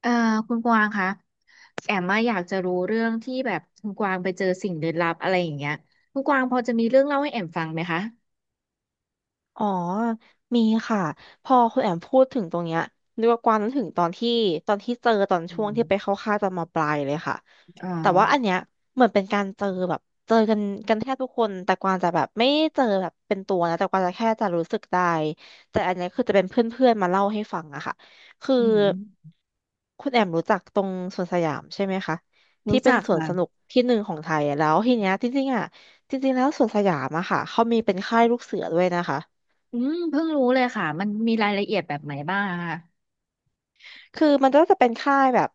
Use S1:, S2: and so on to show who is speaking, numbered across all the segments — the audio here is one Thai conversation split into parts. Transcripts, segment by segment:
S1: เอ่อคุณกวางคะแอมมาอยากจะรู้เรื่องที่แบบคุณกวางไปเจอสิ่งลึกลับอะไรอย่างเงี้ยคุณกวางพอจะมีเรื่องเล่าให้แอมฟังไหมคะ
S2: อ๋อมีค่ะพอคุณแอมพูดถึงตรงเนี้ยนึกว่ากวางนึกถึงตอนที่เจอตอน
S1: อื
S2: ช่วง
S1: ม
S2: ที่ไปเข้าค่ายตอนมปลายเลยค่ะ
S1: อ่า
S2: แต่ว่าอันเนี้ยเหมือนเป็นการเจอแบบเจอกันแทบทุกคนแต่กวางจะแบบไม่เจอแบบเป็นตัวนะแต่กวางจะแค่จะรู้สึกได้แต่อันเนี้ยคือจะเป็นเพื่อนๆมาเล่าให้ฟังอะค่ะคือ
S1: อืม
S2: คุณแอมรู้จักตรงสวนสยามใช่ไหมคะที่
S1: รู้
S2: เป็น
S1: จัก
S2: สวน
S1: ค่ะ
S2: สนุกที่หนึ่งของไทยอะแล้วทีเนี้ยจริงๆอะจริงๆแล้วสวนสยามอะค่ะเขามีเป็นค่ายลูกเสือด้วยนะคะ
S1: อืมเพิ่งรู้เลยค่ะมันมีรายละเอียดแบบไหนบ้างอะคะ
S2: คือมันก็จะเป็นค่ายแบบ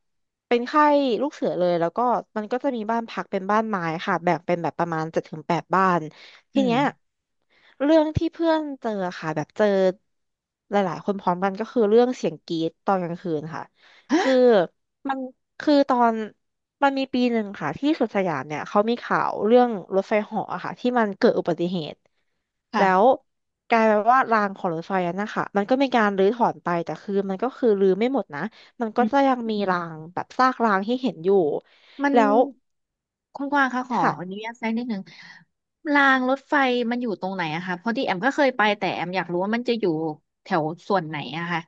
S2: เป็นค่ายลูกเสือเลยแล้วก็มันก็จะมีบ้านพักเป็นบ้านไม้ค่ะแบ่งเป็นแบบประมาณเจ็ดถึงแปดบ้าน
S1: อื
S2: ที
S1: ม
S2: เนี้ยเรื่องที่เพื่อนเจอค่ะแบบเจอหลายๆคนพร้อมกันก็คือเรื่องเสียงกรี๊ดตอนกลางคืนค่ะคือ
S1: ฮะ
S2: มันคือตอน มันมีปีหนึ่งค่ะที่สุดสยามเนี่ยเขามีข่าวเรื่องรถไฟเหาะอะค่ะที่มันเกิดอุบัติเหตุ
S1: ค่ะ
S2: แล้วกลายเป็นว่ารางของรถไฟนั้นนะคะมันก็มีการรื้อถอนไปแต่คือมันก็คือรื้อไม่หมดนะมันก็
S1: อืม
S2: จะยังมีรางแบบซากรางที่เห็นอยู่
S1: มัน
S2: แล้ว
S1: คุณกวางคะขออนุ
S2: ค่ะ
S1: ญาตแซงนิดนึงรางรถไฟมันอยู่ตรงไหนอะคะเพราะที่แอมก็เคยไปแต่แอมอยากรู้ว่ามันจะอยู่แถวส่วนไหนอะค่ะ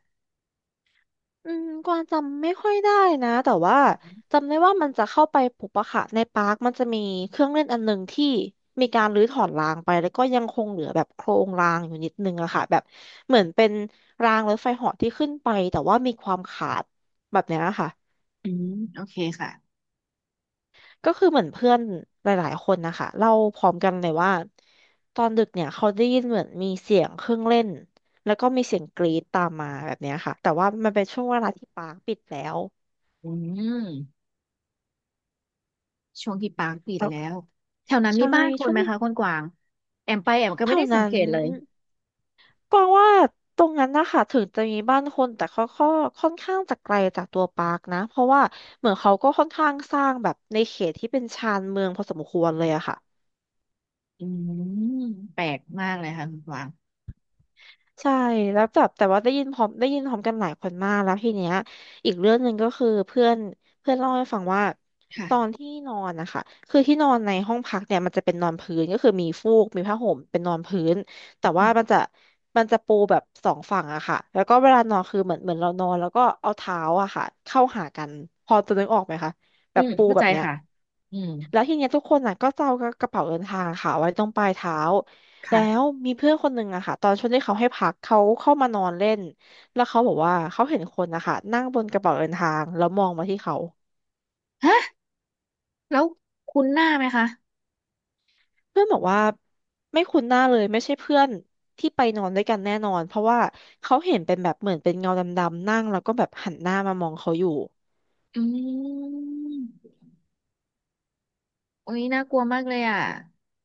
S2: กวางจำไม่ค่อยได้นะแต่ว่า
S1: อืม
S2: จำได้ว่ามันจะเข้าไปปุบอะค่ะในปาร์คมันจะมีเครื่องเล่นอันหนึ่งที่มีการรื้อถอนรางไปแล้วก็ยังคงเหลือแบบโครงรางอยู่นิดนึงอะค่ะแบบเหมือนเป็นรางรถไฟเหาะที่ขึ้นไปแต่ว่ามีความขาดแบบเนี้ยค่ะ
S1: อืมโอเคค่ะ
S2: ก็คือเหมือนเพื่อนหลายๆคนนะคะเล่าพร้อมกันเลยว่าตอนดึกเนี่ยเขาได้ยินเหมือนมีเสียงเครื่องเล่นแล้วก็มีเสียงกรี๊ดตามมาแบบเนี้ยค่ะแต่ว่ามันเป็นช่วงเวลาที่ปาร์คปิดแล้ว
S1: อืมช่วงที่ปางปิดแล้วแถวนั้นมี
S2: ใช่
S1: บ้านคน
S2: ช่วง
S1: ไหม
S2: นี้
S1: คะคนกวางแอมไปแอมก็
S2: แถ
S1: ไม่
S2: ว
S1: ได้สั
S2: นั้
S1: งเก
S2: น
S1: ตเลย
S2: กวางว่าตรงนั้นนะคะถึงจะมีบ้านคนแต่เขาก็ค่อนข้างจะไกลจากตัวปาร์คนะ เพราะว่าเหมือนเขาก็ค่อนข้างสร้างแบบในเขตที่เป็นชานเมืองพอสมควรเลยอะค่ะ
S1: อืมแปลกมากเลยค่ะคุณกวาง
S2: ใช่แล้วแบบแต่ว่าได้ยินพร้อมกันหลายคนมากแล้วทีเนี้ยอีกเรื่องหนึ่งก็คือเพื่อนเพื่อนเล่าให้ฟังว่าตอน
S1: ค่ะ
S2: ที่นอนนะคะคือที่นอนในห้องพักเนี่ยมันจะเป็นนอนพื้นก็คือมีฟูกมีผ้าห่มเป็นนอนพื้นแต่ว่ามันจะปูแบบสองฝั่งอะค่ะแล้วก็เวลานอนคือเหมือนเรานอนแล้วก็เอาเท้าอะค่ะเข้าหากันพอจะนึกออกไหมคะแบ
S1: อื
S2: บ
S1: ม
S2: ปู
S1: เข้า
S2: แบ
S1: ใจ
S2: บเนี้ย
S1: ค่ะอืม
S2: แล้วทีเนี้ยทุกคนอ่ะก็จะเอากระเป๋าเดินทางอะค่ะไว้ตรงปลายเท้าแล้ว
S1: ค่ะ
S2: มีเพื่อนคนหนึ่งอะค่ะตอนช่วงที่เขาให้พักเขาเข้ามานอนเล่นแล้วเขาบอกว่าเขาเห็นคนนะคะนั่งบนกระเป๋าเดินทางแล้วมองมาที่เขา
S1: ฮะแล้วคุ้นหน้าไหมคะ
S2: เพื่อนบอกว่าไม่คุ้นหน้าเลยไม่ใช่เพื่อนที่ไปนอนด้วยกันแน่นอนเพราะว่าเขาเห็นเป็นแบบเหมือนเป็นเงาดำๆนั่งแล้วก็แบบหันหน้ามามองเขาอยู่
S1: อืมโอ้ยน่ากลัวมากเลยอ่ะ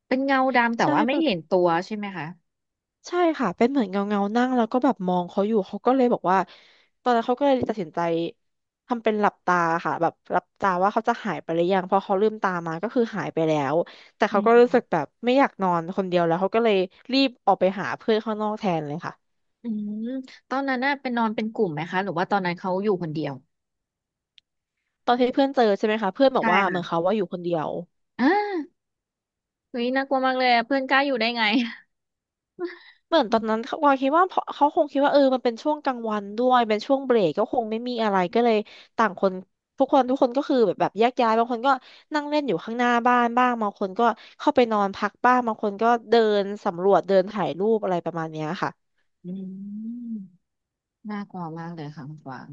S1: เป็นเงาดำแต่
S2: ใช่
S1: ว่าไม่
S2: แบบ
S1: เห็นตัวใช่ไหมคะ
S2: ใช่ค่ะเป็นเหมือนเงาเงานั่งแล้วก็แบบมองเขาอยู่เขาก็เลยบอกว่าตอนนั้นเขาก็เลยตัดสินใจทำเป็นหลับตาค่ะแบบหลับตาว่าเขาจะหายไปหรือยังพอเขาลืมตามาก็คือหายไปแล้วแต่
S1: อื
S2: เขาก็รู้สึกแบ
S1: ม
S2: บไม่อยากนอนคนเดียวแล้วเขาก็เลยรีบออกไปหาเพื่อนข้างนอกแทนเลยค่ะ
S1: อืมตอนนั้นน่ะเป็นนอนเป็นกลุ่มไหมคะหรือว่าตอนนั้นเขาอยู่คนเดียว
S2: ตอนที่เพื่อนเจอใช่ไหมคะเพื่อนบอก
S1: ใช่
S2: ว่าเหมือน
S1: ค่ะ
S2: เขาว่าอยู่คนเดียว
S1: อ่า เฮ้ยน่ากลัวมากเลยอะเพื่อนกล้าอยู่ได้ไง
S2: เหมือน
S1: อื
S2: ตอน
S1: ม
S2: นั้นเขาวาคิดว่าเพราะเขาคงคิดว่าเออมันเป็นช่วงกลางวันด้วยเป็นช่วงเบรกก็คงไม่มีอะไรก็เลยต่างคนทุกคนทุกคนก็คือแบบแยกย้ายบางคนก็นั่งเล่นอยู่ข้างหน้าบ้านบ้างบางคนก็เข้าไปนอนพักบ้างบางคนก็เดินสำรวจเดินถ่ายรูปอะไรประมาณเนี้ยค่ะ
S1: อืม น่ากลัวมากเลยค่ะคุณกวาง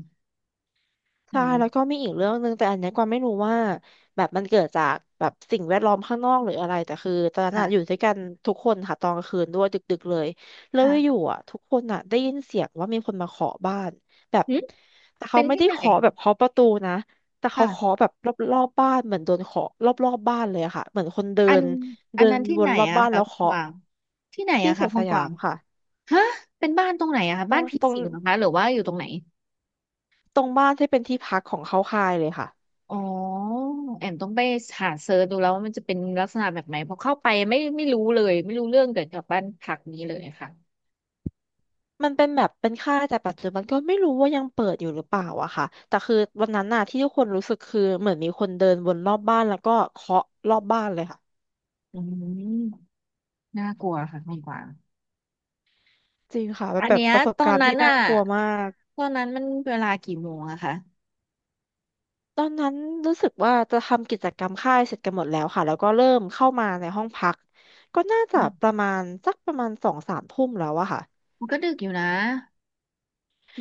S1: อื
S2: ใช่แล้วก็
S1: ม
S2: มีอีกเรื่องหนึ่งแต่อันเนี้ยกวางไม่รู้ว่าแบบมันเกิดจากแบบสิ่งแวดล้อมข้างนอกหรืออะไรแต่คือตอนนั้นอะอยู่
S1: ค่ะ
S2: ด้วยกันทุกคนค่ะตอนกลางคืนด้วยดึกๆเลยแล้วอยู่
S1: ค่ะ
S2: ๆอ่ะทุกคนอ่ะได้ยินเสียงว่ามีคนมาเคาะบ้านแบบ
S1: หึ
S2: แต่เขา
S1: เป็น
S2: ไม่
S1: ที่
S2: ได้
S1: ไหน
S2: เคาะแบบเคาะประตูนะแต่เขาเคาะ
S1: ค่ะ
S2: แบบรอบๆบ้านเหมือนโดนเคาะรอบๆบ้านเลยอะค่ะเหมือนคนเดิ
S1: อัน
S2: นเดิน
S1: นั้นที่
S2: ว
S1: ไหน
S2: นรอบ
S1: อะ
S2: บ้าน
S1: คะ
S2: แล้ว
S1: คุณก
S2: เคาะ
S1: วางที่ไหน
S2: ที่
S1: อะ
S2: ส
S1: คะ
S2: วน
S1: คุ
S2: ส
S1: ณก
S2: ยา
S1: วา
S2: ม
S1: ง
S2: ค่ะ
S1: ฮะเป็นบ้านตรงไหนอะคะ
S2: ตร
S1: บ้า
S2: ง
S1: นผี
S2: ตรง
S1: สิงเหรอคะหรือว่าอยู่ตรงไหน
S2: ตรงบ้านที่เป็นที่พักของเขาคายเลยค่ะ
S1: อ๋อแอมต้องไปหาเซิร์ชดูแล้วว่ามันจะเป็นลักษณะแบบไหนเพอเข้าไปไม่รู้เลยไม่รู้เรื่องเกี่ยวกับบ้านพักนี้เลยค่ะ
S2: มันเป็นแบบเป็นค่ายแต่ปัจจุบันก็ไม่รู้ว่ายังเปิดอยู่หรือเปล่าอะค่ะแต่คือวันนั้นน่ะที่ทุกคนรู้สึกคือเหมือนมีคนเดินวนรอบบ้านแล้วก็เคาะรอบบ้านเลยค่ะ
S1: อืมน่ากลัวค่ะคุณกวาง
S2: จริงค่ะมั
S1: อั
S2: น
S1: น
S2: แบบ
S1: เนี้ย
S2: ประสบ
S1: ตอ
S2: กา
S1: น
S2: รณ์
S1: นั้
S2: ที่
S1: น
S2: น่า
S1: อ่ะ
S2: กลัวมาก
S1: ตอนนั้นมันเวลากี่โมงอะคะ
S2: ตอนนั้นรู้สึกว่าจะทำกิจกรรมค่ายเสร็จกันหมดแล้วค่ะแล้วก็เริ่มเข้ามาในห้องพักก็น่าจะ
S1: อื
S2: ประ
S1: ม
S2: มาณสักประมาณสองสามทุ่มแล้วอะค่ะ
S1: มันก็ดึกอยู่นะ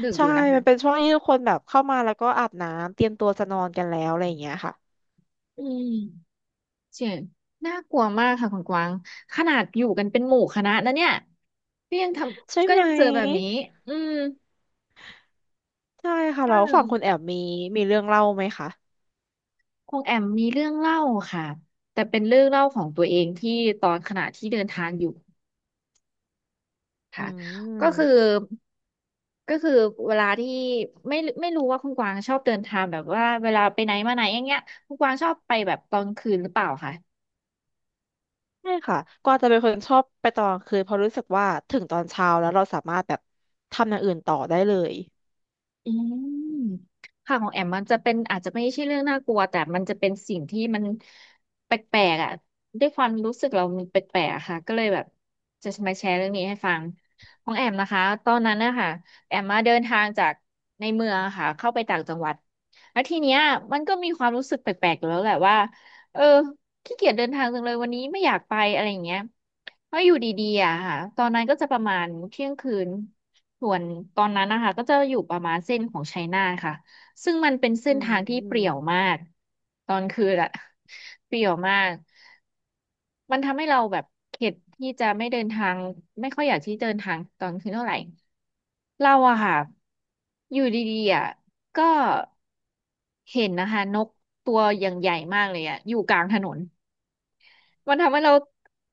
S1: ดึกอ
S2: ใช่
S1: ยู่นะ
S2: มั
S1: คะ
S2: นเป็นช่วงที่ทุกคนแบบเข้ามาแล้วก็อาบน้ำเตรียมตัวจะนอนกันแล้วอะไรอย่างเงี้ยค่ะ
S1: อืมเสียงน่ากลัวมากค่ะคุณกวางขนาดอยู่กันเป็นหมู่คณะนะเนี่ยก็ยังท
S2: ใช่
S1: ำก็
S2: ไหม
S1: ยังเจอแบบนี้อืม
S2: ใช่ค่ะ
S1: ค่
S2: แล้วฝั่งคุณแอ
S1: ะ
S2: บมีมีเรื่องเล่าไหมคะ
S1: คงแอมมีเรื่องเล่าค่ะแต่เป็นเรื่องเล่าของตัวเองที่ตอนขณะที่เดินทางอยู่
S2: อื
S1: ค่ะก็คือ
S2: ม
S1: ก็คือเวลาที่ไม่ไม่รู้ว่าคุณกวางชอบเดินทางแบบว่าเวลาไปไหนมาไหนอย่างเงี้ยคุณกวางชอบไปแบบตอนคืนหรือเปล่าคะ
S2: ใช่ค่ะกวางจะเป็นคนชอบไปตอนกลางคืนเพราะรู้สึกว่าถึงตอนเช้าแล้วเราสามารถแบบทำอย่างอื่นต่อได้เลย
S1: อืมค่ะของแอมมันจะเป็นอาจจะไม่ใช่เรื่องน่ากลัวแต่มันจะเป็นสิ่งที่มันแปลกๆอ่ะด้วยความรู้สึกเรามันแปลกๆอะค่ะก็เลยแบบจะมาแชร์เรื่องนี้ให้ฟังของแอมนะคะตอนนั้นนะคะแอมมาเดินทางจากในเมืองอะค่ะเข้าไปต่างจังหวัดแล้วทีเนี้ยมันก็มีความรู้สึกแปลกๆอยู่แล้วแหละว่าเออขี้เกียจเดินทางจังเลยวันนี้ไม่อยากไปอะไรอย่างเงี้ยเพราะอยู่ดีๆอะค่ะตอนนั้นก็จะประมาณเที่ยงคืน ส่วนตอนนั้นนะคะก็จะอยู่ประมาณเส้นของไชน่าค่ะซึ่งมันเป็นเส้
S2: อื
S1: นทางที่เปรี่ยว
S2: ม
S1: มากตอนคืนอะเปรี่ยวมากมันทำให้เราแบบเข็ดที่จะไม่เดินทางไม่ค่อยอยากที่เดินทางตอนคืนเท่าไหร่เราอะค่ะอยู่ดีๆอะก็เห็นนะคะนกตัวอย่างใหญ่มากเลยอะอยู่กลางถนน มันทำให้เรา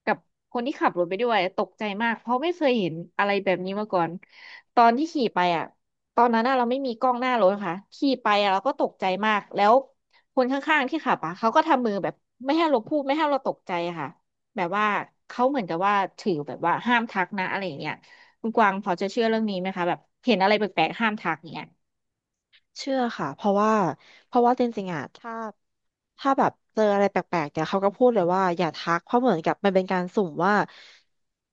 S1: กับคนที่ขับรถไปด้วยตกใจมากเพราะไม่เคยเห็นอะไรแบบนี้มาก่อนตอนที่ขี่ไปอ่ะตอนนั้นอะเราไม่มีกล้องหน้ารถค่ะขี่ไปอะเราก็ตกใจมากแล้วคนข้างๆที่ขับอ่ะเขาก็ทำมือแบบไม่ให้เราพูดไม่ให้เราตกใจอะค่ะแบบว่าเขาเหมือนกับว่าถือแบบว่าห้ามทักนะอะไรอย่างเงี้ยคุณกวางพอจะเชื่อเรื่องนี้ไหมคะแบบเห็นอะไรแปลกๆห้ามทักอย่างเงี้ย
S2: เชื่อค่ะเพราะว่าเพราะว่าจริงๆอ่ะถ้า ถ้าแบบเจออะไรแปลกๆเนี่ยเขาก็พูดเลยว่าอย่าทักเพราะเหมือนกับมันเป็นการสุ่มว่า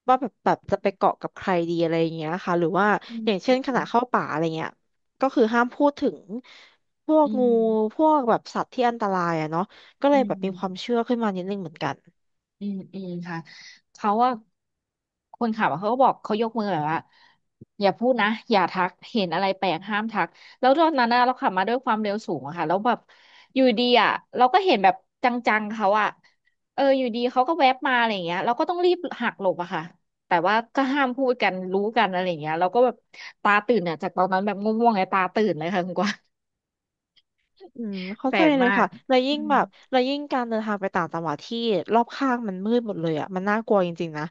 S2: ว่าแบบจะไปเกาะกับใครดีอะไรอย่างเงี้ยค่ะหรือว่า
S1: อื
S2: อย่างเช่
S1: ม
S2: นขณะเข้าป่าอะไรเงี้ยก็คือห้ามพูดถึงพวก
S1: อื
S2: งู
S1: ม
S2: พวกแบบสัตว์ที่อันตรายอะเนาะก็เล
S1: อื
S2: ยแบบมีความ
S1: ม
S2: เชื่อขึ้นมานิดนึงเหมือนกัน
S1: อืมอืมค่ะเขาว่าคนขับอะเขาก็บอกเขายกมือแบบว่าอย่าพูดนะอย่าทักเห็นอะไรแปลกห้ามทักแล้วตอนนั้นน่ะเราขับมาด้วยความเร็วสูงอะค่ะแล้วแบบอยู่ดีอะเราก็เห็นแบบจังๆเขาอะเอออยู่ดีเขาก็แวบมาอะไรอย่างเงี้ยเราก็ต้องรีบหักหลบอะค่ะแต่ว่าก็ห้ามพูดกันรู้กันอะไรอย่างเงี้ยเราก็แบบตาตื่นเนี่ยจากตอนนั้นแบบง่วงๆไงตาตื่นเลยค่ะคุณกวาง
S2: อืม เข้า
S1: แปล
S2: ใจ
S1: ก
S2: เล
S1: มา
S2: ย
S1: ก
S2: ค่ะแล้ว
S1: อื
S2: ยิ่ง
S1: ม
S2: แบบแล้วยิ่งการเดินทางไปต่างจังหวัดที่รอบข้างมันมืดหมดเลยอะมันน่ากลัวจริงๆนะ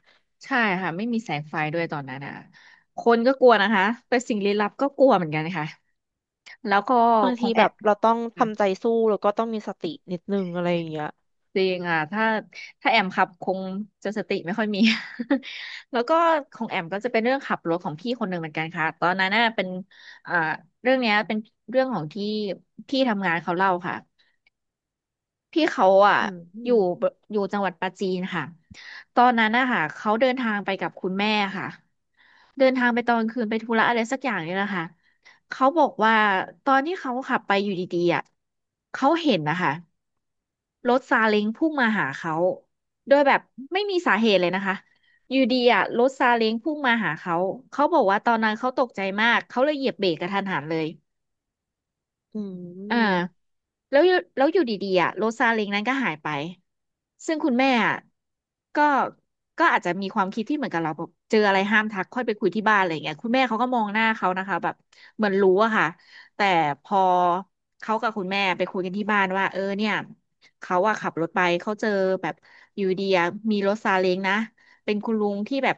S1: ใช่ค่ะไม่มีแสงไฟด้วยตอนนั้นอ่ะคนก็กลัวนะคะแต่สิ่งลี้ลับก็กลัวเหมือนกันค่ะแล้วก็
S2: บาง
S1: ขอ
S2: ที
S1: งแอ
S2: แบ
S1: ม
S2: บเราต้อง
S1: อ่ะ
S2: ทำใจสู้แล้วก็ต้องมีสตินิดนึงอะไรอย่างเงี้ย
S1: จริงอ่ะถ้าแอมขับคงจะสติไม่ค่อยมี แล้วก็ของแอมก็จะเป็นเรื่องขับรถของพี่คนหนึ่งเหมือนกันค่ะตอนนั้นน่ะเป็นอ่าเรื่องเนี้ยเป็นเรื่องของที่พี่ทำงานเขาเล่าค่ะพี่เขาอ่ะ
S2: อื
S1: อยู่
S2: ม
S1: อยู่จังหวัดปราจีนค่ะตอนนั้นนะคะเขาเดินทางไปกับคุณแม่ค่ะ เดินทางไปตอนคืนไปธุระอะไรสักอย่างเนี่ยแหละค่ะเขาบอกว่าตอนที่เขาขับไปอยู่ดีๆอ่ะเขาเห็นนะคะรถซาเล้งพุ่งมาหาเขาโดยแบบไม่มีสาเหตุเลยนะคะอยู่ดีอ่ะรถซาเล้งพุ่งมาหาเขาเขาบอกว่าตอนนั้นเขาตกใจมากเขาเลยเหยียบเบรกกระทันหันเลย
S2: อื
S1: อ่า
S2: ม
S1: แล้วอยู่ดีๆอ่ะโรซาเล้งนั้นก็หายไปซึ่งคุณแม่อ่ะก็ก็อาจจะมีความคิดที่เหมือนกับเราแบบเจออะไรห้ามทักค่อยไปคุยที่บ้านอะไรอย่างเงี้ยคุณแม่เขาก็มองหน้าเขานะคะแบบเหมือนรู้อะค่ะแต่พอเขากับคุณแม่ไปคุยกันที่บ้านว่าเออเนี่ยเขาอะขับรถไปเขาเจอแบบอยู่ดีอะมีรถซาเล้งนะเป็นคุณลุงที่แบบ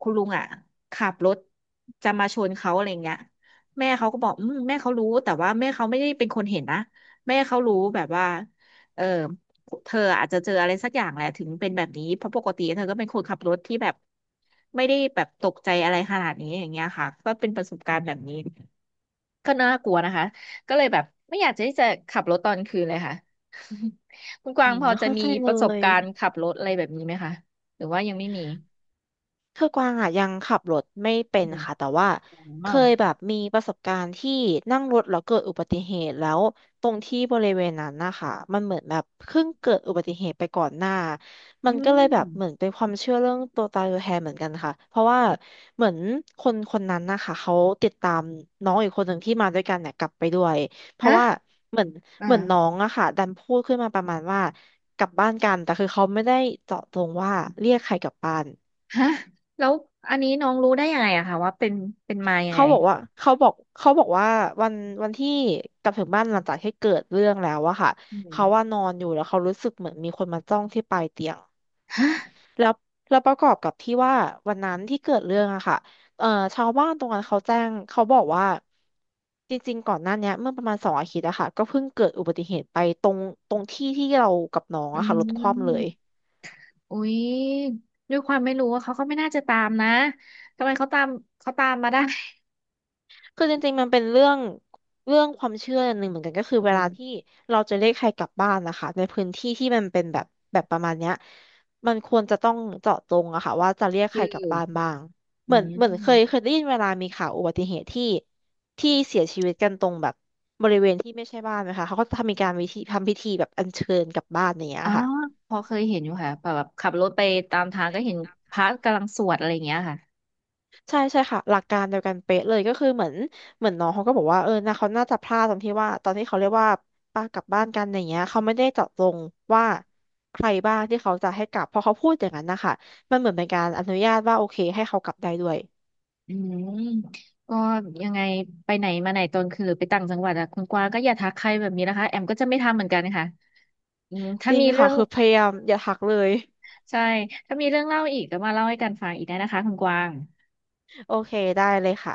S1: คุณลุงอะขับรถจะมาชนเขาอะไรอย่างเงี้ย แม่เขาก็บอกอืมแม่เขารู้แต่ว่าแม่เขาไม่ได้เป็นคนเห็นนะแม่เขารู้แบบว่าเออเธออาจจะเจออะไรสักอย่างแหละถึงเป็นแบบนี้เพราะปกติเธอก็เป็นคนขับรถที่แบบไม่ได้แบบตกใจอะไรขนาดนี้อย่างเงี้ยค่ะก็เป็นประสบการณ์แบบนี้ก็น่ากลัวนะคะก็เลยแบบไม่อยากจะที่จะขับรถตอนคืนเลยค่ะ คุณก
S2: อื
S1: วาง
S2: ม
S1: พอจะ
S2: เข้า
S1: มี
S2: ใจ
S1: ป
S2: เล
S1: ระสบ
S2: ย
S1: การณ์
S2: อ
S1: ขับรถอะไรแบบนี้ไหมคะหรือว่ายังไม่มี
S2: คือกวางอ่ะยังขับรถไม่เป็
S1: อื
S2: น
S1: ม
S2: ค่ะแต่ว่า
S1: อ๋อ
S2: เคยแบบมีประสบการณ์ที่นั่งรถแล้วเกิดอุบัติเหตุแล้วตรงที่บริเวณนั้นนะคะมันเหมือนแบบเพิ่งเกิดอุบัติเหตุไปก่อนหน้า
S1: อื
S2: มันก็เลยแบบเหมือน
S1: ม
S2: เป็นความเชื่อเรื่องตัวตายตัวแทนเหมือนกันค่ะเพราะว่าเหมือนคนคนนั้นนะคะเขาติดตามน้องอีกคนหนึ่งที่มาด้วยกันเนี่ยกลับไปด้วยเพราะ
S1: ฮะ
S2: ว่าเหมือนเหมือนน้อ
S1: อ่า
S2: งอะค่ะดันพูดขึ้นมาประมาณว่ากลับบ้านกันแต่คือเขาไม่ได้เจาะจงว่าเรียกใครกลับบ้าน
S1: ฮะแล้วอันนี้น้องรู้ได้ยังไงอะคะว่าเป็นมายังไง
S2: เขาบอกว่าเขาบอกเขาบอกว่าวันวันที่กลับถึงบ้านหลังจากที่เกิดเรื่องแล้วอะค่ะ
S1: อื
S2: เขาว่า
S1: ม
S2: นอนอยู่แล้วเขารู้สึกเหมือนมีคนมาจ้องที่ปลายเตียง
S1: ฮะ
S2: แล้วแล้วประกอบกับที่ว่าวันนั้นที่เกิดเรื่องอะค่ะเอ่อชาวบ้านตรงนั้นเขาแจ้งเขาบอกว่าจริงๆก่อนหน้าเนี้ยเมื่อประมาณสองอาทิตย์อะค่ะก็เพิ่งเกิดอุบัติเหตุไปตรงตรงที่ที่เรากับน้อง
S1: อื
S2: อะค่ะรถคว่ำเลย
S1: มอุ๊ยด้วยความไม่รู้ว่าเขาก็ไม่น่าจะตามนะทำไมเขาตามเขาตามมาได้
S2: คือจริงๆมันเป็นเรื่องความเชื่อหนึ่งเหมือนกันก็คือเว
S1: อื
S2: ลาที่
S1: ม
S2: เราจะเรียกใครกลับบ้านนะคะในพื้นที่ที่มันเป็นแบบประมาณเนี้ยมันควรจะต้องเจาะจงอะค่ะว่าจะเรียกใค
S1: ชื่
S2: ร
S1: อ
S2: กลับบ้านบ้าง
S1: อื
S2: เหมือนเคยเค
S1: ม
S2: ยได้ยินเวลามีข่าวอุบัติเหตุที่ที่เสียชีวิตกันตรงแบบบริเวณที่ไม่ใช่บ้านนะคะเขาก็จะทำมีการวิธีทำพิธีแบบอัญเชิญกลับบ้านอย่างเงี้ย
S1: อ๋อ
S2: ค่ะ
S1: พอเคยเห็นอยู่ค่ะแบบขับรถไปตามทางก็เห็นพระกำลังสวดอะไรอย่างเงี้ยค่ะ
S2: ใช่ใช่ค่ะหลักการเดียวกันเป๊ะเลยก็คือเหมือนน้องเขาก็บอกว่าเออนะเขาน่าจะพลาดตรงที่ว่าตอนที่เขาเรียกว่าป้ากลับบ้านกันอย่างเงี้ยเขาไม่ได้เจาะจงว่าใครบ้างที่เขาจะให้กลับพอเขาพูดอย่างนั้นนะคะมันเหมือนเป็นการอนุญาตว่าโอเคให้เขากลับได้ด้วย
S1: อืมก็ยังไงไปไหนมาไหนตอนคืนหรือไปต่างจังหวัดอะคุณกวางก็อย่าทักใครแบบนี้นะคะแอมก็จะไม่ทำเหมือนกันค่ะอืม
S2: จ
S1: ถ้า
S2: ริง
S1: มีเรื่
S2: ค่ะ
S1: อง
S2: คือพยายามอย่าหักเลย
S1: ใช่ ถ้ามีเรื่องเล่าอีกก็มาเล่าให้กันฟังอีกได้นะคะคุณกวาง
S2: โอเคได้เลยค่ะ